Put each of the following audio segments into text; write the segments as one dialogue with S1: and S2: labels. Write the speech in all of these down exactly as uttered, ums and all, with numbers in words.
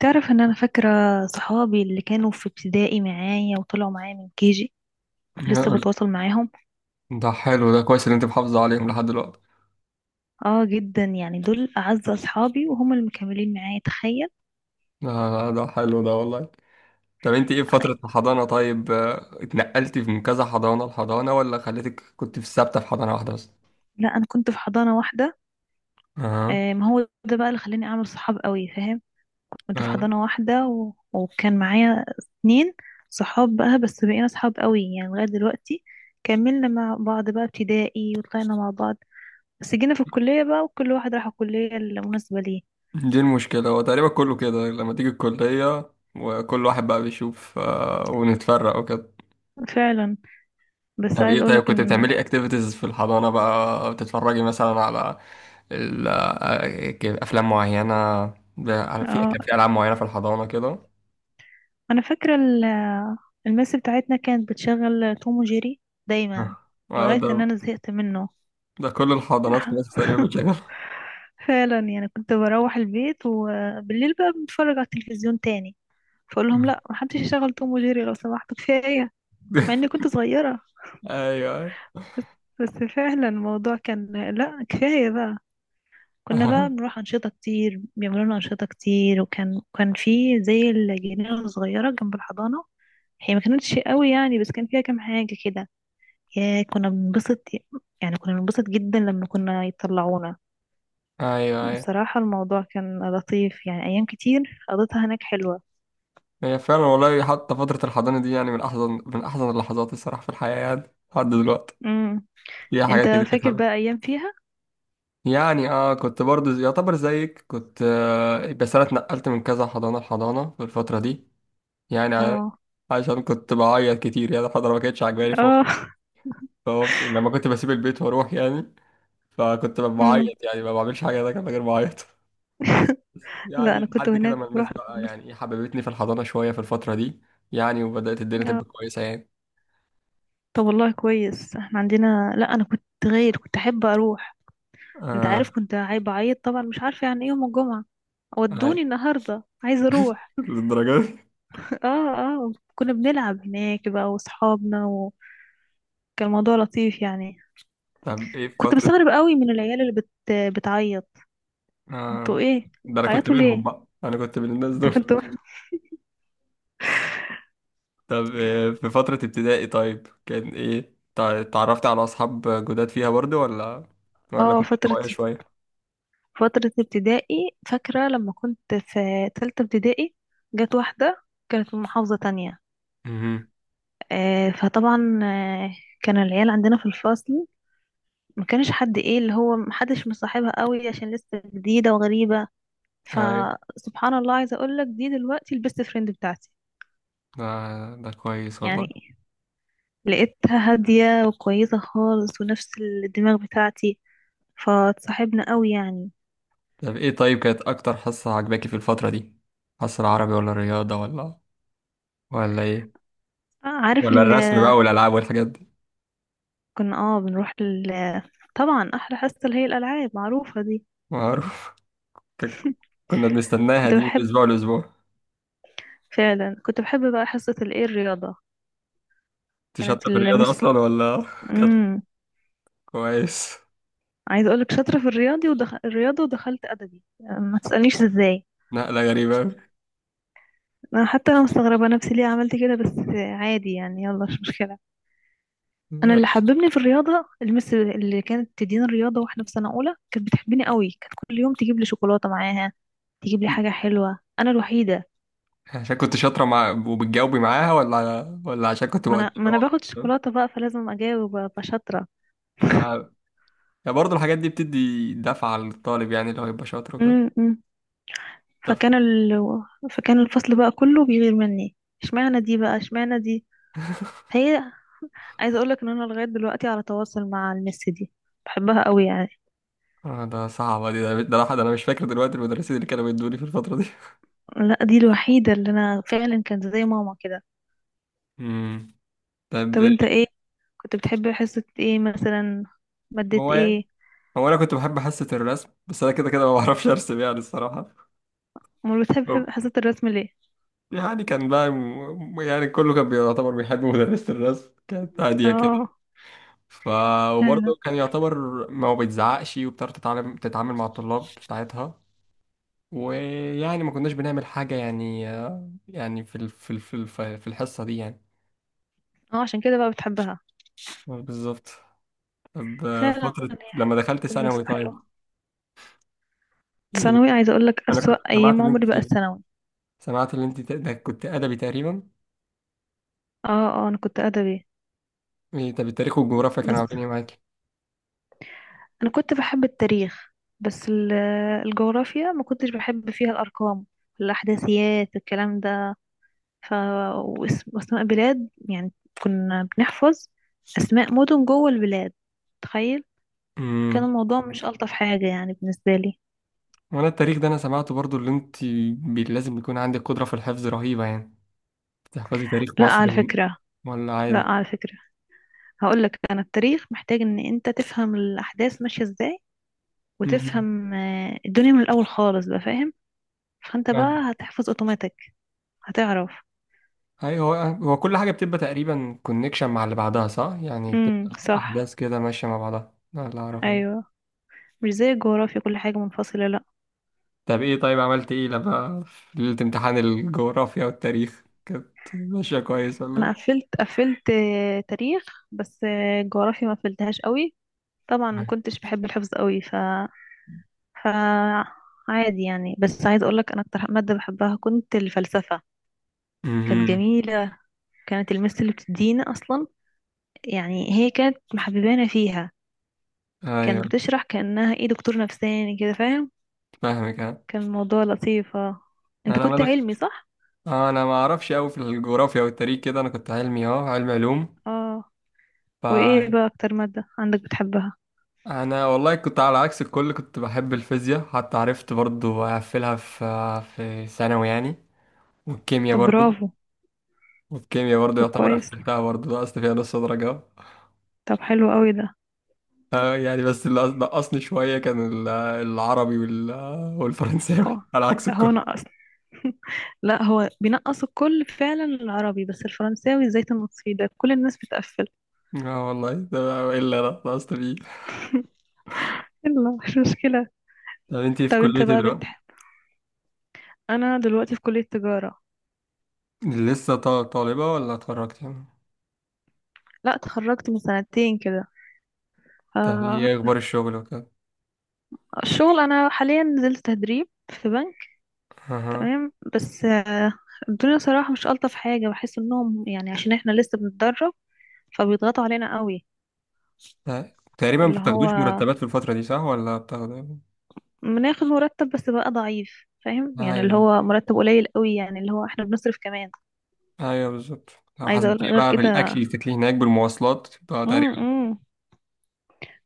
S1: تعرف ان انا فاكرة صحابي اللي كانوا في ابتدائي معايا وطلعوا معايا من كيجي ولسه
S2: يا-
S1: بتواصل معاهم.
S2: ده حلو، ده كويس ان انت محافظة عليهم لحد دلوقتي.
S1: اه جدا، يعني دول اعز اصحابي وهم اللي مكملين معايا، تخيل.
S2: ده, ده حلو ده والله. طب انت ايه في فترة الحضانة؟ طيب، آه، اتنقلتي من كذا حضانة لحضانة ولا خليتك كنت في ثابتة في حضانة واحدة بس؟
S1: لا، انا كنت في حضانة واحدة.
S2: اه.
S1: آه، ما هو ده بقى اللي خلاني اعمل صحاب قوي، فاهم. كنت في
S2: اه.
S1: حضانة واحدة و... وكان معايا اتنين صحاب بقى، بس بقينا صحاب قوي يعني لغاية دلوقتي. كملنا مع بعض بقى ابتدائي وطلعنا مع بعض. بس جينا في الكلية بقى وكل واحد راح الكلية المناسبة ليه.
S2: دي المشكلة، هو تقريبا كله كده لما تيجي الكلية وكل واحد بقى بيشوف، آه، ونتفرق وكده.
S1: فعلا. بس
S2: طب
S1: عايز
S2: ايه طيب،
S1: اقولك
S2: كنت
S1: ان...
S2: بتعملي اكتيفيتيز في الحضانة بقى؟ بتتفرجي مثلا على ال- آه، افلام معينة؟ ب- في
S1: اه،
S2: كان في العاب معينة في الحضانة كده؟
S1: انا فاكره ال- المس بتاعتنا كانت بتشغل توم وجيري
S2: آه.
S1: دايما
S2: آه،
S1: لغايه
S2: ده.
S1: ان انا زهقت منه.
S2: ده كل الحضانات في مصر تقريبا بتشغل.
S1: فعلا، يعني كنت بروح البيت وبالليل بقى بنتفرج على التلفزيون تاني، فاقول لهم لا، محدش يشغل توم وجيري لو سمحت، كفايه. مع اني كنت صغيره.
S2: ايوه، ايوه.
S1: بس فعلا الموضوع كان... لا، كفايه بقى. كنا بقى بنروح انشطه كتير، بيعملوا لنا انشطه كتير وكان كان في زي الجنينه الصغيره جنب الحضانه، هي ما كانتش قوي يعني بس كان فيها كام حاجه كده. يا كنا بنبسط، يعني كنا بنبسط جدا لما كنا يطلعونا.
S2: ايوه، ايوه.
S1: بصراحة الموضوع كان لطيف، يعني أيام كتير قضيتها هناك حلوة.
S2: هي فعلا والله، حتى فترة الحضانة دي يعني من أحزن من أحزن اللحظات الصراحة في الحياة يعني لحد دلوقتي.
S1: امم.
S2: فيها
S1: انت
S2: حاجات كتير كانت
S1: فاكر بقى
S2: حلوة.
S1: ايام فيها؟
S2: يعني اه كنت برضو زي- يعتبر زيك كنت، آه بس أنا اتنقلت من كذا حضانة لحضانة في الفترة دي. يعني ع-
S1: اه،
S2: عشان كنت بعيط كتير يعني الحضانة ما كانتش عاجباني، ف-
S1: اه.
S2: ف- لما كنت بسيب البيت وأروح يعني، فكنت
S1: امم.
S2: بعيط يعني ما بعملش حاجة ده غير بعيط.
S1: لا،
S2: يعني
S1: أنا كنت
S2: لحد كده
S1: هناك
S2: ما الماس
S1: بروح
S2: بقى
S1: بس.
S2: يعني ايه حببتني في الحضانة شوية في الفترة دي، يعني وبدأت الدنيا تبقى كويسة يعني.
S1: طب والله كويس، احنا عندنا لا، أنا كنت غير، كنت أحب أروح. أنت
S2: اه.
S1: عارف، كنت عايبة بعيط طبعا، مش عارفة يعني إيه يوم الجمعة
S2: هاي.
S1: ودوني النهاردة عايزة أروح.
S2: للدرجة دي.
S1: اه، اه، كنا بنلعب هناك بقى وأصحابنا وكان الموضوع لطيف يعني.
S2: طب ايه في
S1: كنت
S2: فترة.
S1: بستغرب قوي من العيال اللي بت... بتعيط. انتوا
S2: اه.
S1: ايه
S2: ده انا كنت
S1: بتعيطوا
S2: منهم
S1: ليه؟
S2: بقى، انا كنت من الناس
S1: انت
S2: دول.
S1: كنت واحد؟
S2: طب إيه في فترة ابتدائي؟ طيب، كان ايه تع- اتعرفت على اصحاب جداد فيها برضو ولا ولا
S1: اه،
S2: كنت
S1: فترة
S2: طوعية شوية؟
S1: فترة ابتدائي، فاكرة لما كنت في تالتة ابتدائي. جت واحدة كانت من محافظة تانية.
S2: امم.
S1: آه، فطبعا آه، كان العيال عندنا في الفصل ما كانش حد ايه اللي هو محدش مصاحبها قوي عشان لسه جديدة وغريبة.
S2: هاي.
S1: فسبحان الله، عايزة اقولك دي دلوقتي البيست فريند بتاعتي.
S2: ده ده كويس والله.
S1: يعني لقيتها هادية وكويسة خالص ونفس الدماغ بتاعتي، فاتصاحبنا قوي يعني.
S2: طب ايه طيب، كانت اكتر حصة عجباكي في الفترة دي؟ حصة العربي ولا الرياضة ولا، ولا ايه؟
S1: آه، عارف
S2: ولا
S1: ال...
S2: الرسم بقى والالعاب والحاجات دي؟
S1: كنا اه بنروح ال... طبعا احلى حصه اللي هي الالعاب معروفه دي.
S2: معروف. ك- كنا بنستناها
S1: كنت
S2: دي من
S1: بحب
S2: اسبوع لاسبوع.
S1: فعلا كنت بحب بقى حصه الايه الرياضه.
S2: انت
S1: كانت
S2: شاطره في الرياضه
S1: المس...
S2: اصلا ولا كانت؟
S1: امم
S2: كويس.
S1: عايزه اقولك شاطره في الرياضي ودخ... الرياضه ودخلت ادبي، يعني ما تسالنيش ازاي.
S2: نقله غريبه أوي.
S1: انا حتى انا مستغربه نفسي ليه عملت كده، بس عادي يعني، يلا مش مشكله. انا
S2: لا.
S1: اللي حببني في الرياضه المس اللي كانت تديني الرياضه، واحنا في سنه اولى كانت بتحبني قوي، كانت كل يوم تجيب لي شوكولاته معاها، تجيب لي حاجه حلوه، انا الوحيده.
S2: عشان كنت شاطره مع وبتجاوبي معاها ولا ولا عشان كنت
S1: ما
S2: بقعد؟
S1: انا ما انا باخد شوكولاته بقى، فلازم اجاوب ابقى شاطره.
S2: آه. يعني برضه الحاجات دي بتدي دفعة للطالب يعني اللي هو يبقى شاطر وكده.
S1: امم. فكان
S2: دفعة.
S1: ال... فكان الفصل بقى كله بيغير مني، اشمعنى دي بقى اشمعنى دي. هي... عايزه اقول لك ان انا لغايه دلوقتي على تواصل مع المس دي، بحبها قوي يعني.
S2: آه، ده صعبة دي، ده ده الواحد أنا مش فاكر دلوقتي المدرسين اللي كانوا بيدوني في الفترة دي.
S1: لا، دي الوحيده اللي انا فعلا كانت زي ماما كده.
S2: مم. طب.
S1: طب انت ايه، كنت بتحب حصة ايه مثلا؟ مادة
S2: هو يعني،
S1: ايه؟
S2: هو أنا كنت بحب حصة الرسم، بس أنا كده كده ما بعرفش أرسم يعني الصراحة.
S1: امال
S2: طب،
S1: بتحب حصة الرسم ليه؟
S2: يعني كان بقى م- يعني كله كان بيعتبر بيحب مدرسة الرسم، كانت هادية كده.
S1: اه،
S2: ف.
S1: فعلا.
S2: وبرضه كان يعتبر، ما هو بيتزعقش وبتعرف تتعلم تتعامل مع الطلاب بتاعتها، ويعني ما كناش بنعمل حاجة يعني، آه، يعني في ال... في ال... في ال... في الحصة دي يعني.
S1: اه، عشان كده بقى بتحبها.
S2: آه، بالظبط. طب آه،
S1: فعلا
S2: فترة
S1: هي
S2: لما
S1: حصة
S2: دخلت
S1: الرسم
S2: ثانوي
S1: حلوة.
S2: طيب. إيه؟
S1: ثانوي عايزة اقولك
S2: أنا كنت
S1: اسوأ
S2: سمعت
S1: ايام
S2: إن أنت
S1: عمري بقى الثانوي.
S2: سمعت إن أنت ت- ده كنت أدبي تقريبا.
S1: اه، اه، انا كنت ادبي.
S2: إيه؟ طب التاريخ والجغرافيا كانوا
S1: بس
S2: عاملين إيه؟
S1: انا كنت بحب التاريخ. بس ال- الجغرافيا ما كنتش بحب فيها الارقام، الاحداثيات الكلام ده. ف واسم- واسماء بلاد يعني، كنا بنحفظ اسماء مدن جوه البلاد، تخيل. كان
S2: معاكي؟
S1: الموضوع مش ألطف حاجة يعني بالنسبة لي.
S2: وانا التاريخ ده انا سمعته برضو اللي انت، بي- لازم يكون عندك قدرة في الحفظ رهيبة يعني، تحفظي تاريخ
S1: لا
S2: مصر
S1: على
S2: من-.
S1: فكرة،
S2: ولا
S1: لا
S2: عادي.
S1: على فكرة، هقول لك أنا التاريخ محتاج إن أنت تفهم الأحداث ماشية إزاي،
S2: مم.
S1: وتفهم آه، الدنيا من الأول خالص بقى، فاهم. فأنت
S2: فاهم.
S1: بقى هتحفظ أوتوماتيك، هتعرف.
S2: ايوه، هو هو كل حاجة بتبقى تقريبا كونكشن مع اللي بعدها صح، يعني
S1: امم،
S2: بتبقى
S1: صح.
S2: احداث كده ماشية مع بعضها، ده اللي اعرفه يعني.
S1: أيوه. مش زي الجغرافيا كل حاجة منفصلة، لا.
S2: طب ايه طيب، عملت ايه لما في ليلة امتحان الجغرافيا والتاريخ؟ كانت ماشية كويس ولا
S1: أنا
S2: ايه؟
S1: قفلت قفلت آه، تاريخ. بس آه، الجغرافيا ما قفلتهاش قوي. طبعا ما
S2: مم.
S1: كنتش بحب الحفظ قوي، ف ف عادي يعني. بس عايز اقول لك انا اكتر ماده بحبها كنت الفلسفه، كانت
S2: مهم.
S1: جميلة. كانت المس اللي بتدينا أصلا، يعني هي كانت محببانة فيها،
S2: ايوه.
S1: كانت بتشرح كأنها ايه دكتور نفساني كده، فاهم.
S2: فاهمك. ها.
S1: كان الموضوع لطيف، اه. انت
S2: انا ما
S1: كنت
S2: دخل...
S1: علمي صح؟
S2: آه، انا ما اعرفش قوي في الجغرافيا والتاريخ كده، انا كنت علمي اه علم علوم.
S1: اه.
S2: ف.
S1: وايه بقى أكتر مادة عندك بتحبها؟
S2: انا والله كنت على عكس الكل، كنت بحب الفيزياء حتى عرفت برضو اقفلها في في ثانوي يعني. والكيمياء
S1: طب
S2: برضو.
S1: برافو.
S2: والكيمياء برضو
S1: طب
S2: يعتبر
S1: كويس.
S2: قفلتها، برضو نقصت فيها نص درجة.
S1: طب حلو قوي ده.
S2: آه يعني بس اللي نقصني شوية كان ال- العربي وال- والفرنساوي
S1: هو
S2: على عكس
S1: هو
S2: الكل.
S1: نقص. لا، هو بينقص الكل فعلا العربي، بس الفرنساوي زيت النصفي ده كل الناس بتقفل.
S2: اه والله، ده الا انا نقصت فيه.
S1: يلا مش مشكلة.
S2: طب انتي في
S1: طب
S2: كلية
S1: انت
S2: ايه
S1: بقى
S2: دلوقتي؟
S1: بتحب... انا دلوقتي في كلية تجارة.
S2: لسه طا- طالبة ولا اتخرجت يعني؟
S1: لا، اتخرجت من سنتين كده.
S2: طب
S1: آه،
S2: ايه اخبار الشغل وكده؟
S1: الشغل انا حاليا نزلت تدريب في بنك.
S2: اها.
S1: تمام، بس آه، الدنيا صراحة مش ألطف حاجة، بحس انهم يعني عشان احنا لسه بنتدرب فبيضغطوا علينا قوي.
S2: ت- تقريبا ما
S1: اللي هو
S2: بتاخدوش مرتبات في الفترة دي، صح ولا بتاخدوا؟
S1: بناخد مرتب بس بقى ضعيف، فاهم يعني، اللي
S2: ايوه،
S1: هو مرتب قليل قوي، يعني اللي هو احنا بنصرف كمان.
S2: ايوه، بالظبط. لو
S1: عايزة اقول
S2: حسبتيها
S1: غير
S2: بقى بالاكل
S1: كده.
S2: اللي تاكليه هناك بالمواصلات تبقى تقريبا.
S1: امم.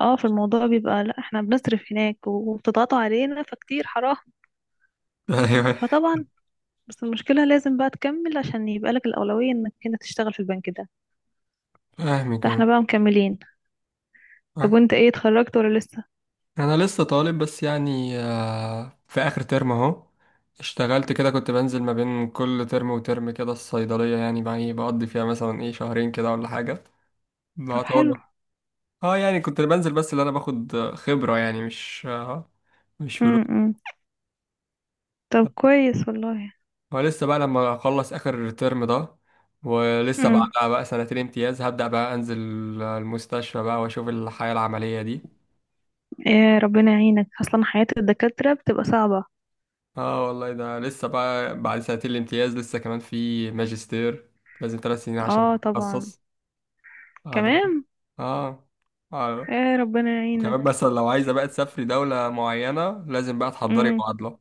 S1: اه، في الموضوع بيبقى لا احنا بنصرف هناك وبتضغطوا علينا فكتير حرام.
S2: ايوه.
S1: فطبعا بس المشكلة لازم بقى تكمل عشان يبقى لك الأولوية انك انت تشتغل في البنك ده.
S2: فاهمك.
S1: فاحنا بقى مكملين. طب
S2: انا
S1: وانت ايه، اتخرجت ولا لسه؟
S2: انا لسه طالب بس يعني، آه، في اخر ترم اهو. اشتغلت كده، كنت بنزل ما بين كل ترم وترم كده الصيدليه، يعني بقى إيه، بقضي فيها مثلا ايه شهرين كده ولا حاجه.
S1: طب حلو.
S2: بعتبر. اه يعني كنت بنزل بس اللي انا باخد خبره يعني مش، آه، مش فلوس.
S1: امم. طب كويس والله.
S2: ولسه بقى لما اخلص اخر ترم ده، ولسه مم.
S1: امم.
S2: بعدها بقى سنتين امتياز هبدأ بقى انزل المستشفى بقى واشوف الحياة العملية دي.
S1: يا ربنا يعينك، اصلا حياة الدكاترة بتبقى صعبة.
S2: اه والله، ده لسه بقى بعد سنتين الامتياز لسه كمان في ماجستير، لازم ثلاث سنين عشان
S1: اه، طبعا.
S2: تتخصص. بعد.
S1: كمان.
S2: اه. اه.
S1: يا ربنا
S2: وكمان
S1: يعينك.
S2: مثلا لو عايزة بقى تسافري دولة معينة لازم بقى تحضري
S1: امم.
S2: معادلة.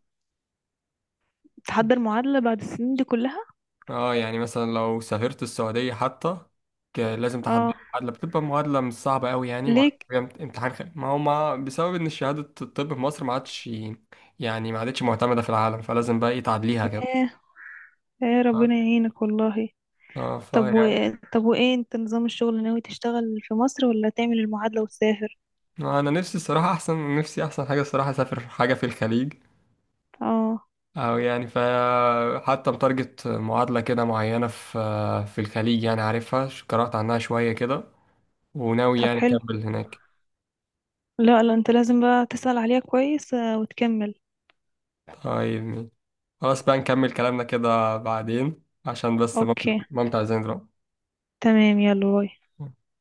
S1: تحضر معادلة بعد السنين دي كلها؟
S2: اه يعني مثلا لو سافرت السعودية حتى، ك- لازم تحضر
S1: اه.
S2: معادلة، بتبقى معادلة مش صعبة قوي يعني، معادلة
S1: ليك.
S2: بجد امتحان خ... ما هو ما بسبب ان شهادة الطب في مصر ما عادش، يعني ما عادتش معتمدة في العالم، فلازم بقى ايه تعدليها كده.
S1: يا يا ربنا
S2: اه.
S1: يعينك والله.
S2: اه،
S1: طب و...
S2: فيعني.
S1: طب وايه انت نظام الشغل، ناوي تشتغل في مصر ولا تعمل المعادلة وتسافر؟
S2: انا نفسي الصراحة احسن، نفسي احسن حاجة الصراحة اسافر حاجة في الخليج،
S1: اه.
S2: او يعني ف، حتى متارجت معادلة كده معينة في في الخليج يعني، عارفها، ش- قرأت عنها شوية كده، وناوي
S1: طب
S2: يعني
S1: حلو.
S2: اكمل هناك.
S1: لا، لا، انت لازم بقى تسأل عليها كويس آه، وتكمل.
S2: طيب. خلاص بقى نكمل كلامنا كده بعدين عشان بس مامتي
S1: اوكي.
S2: مامتي عايزين دلوقتي.
S1: تمام، يلا باي.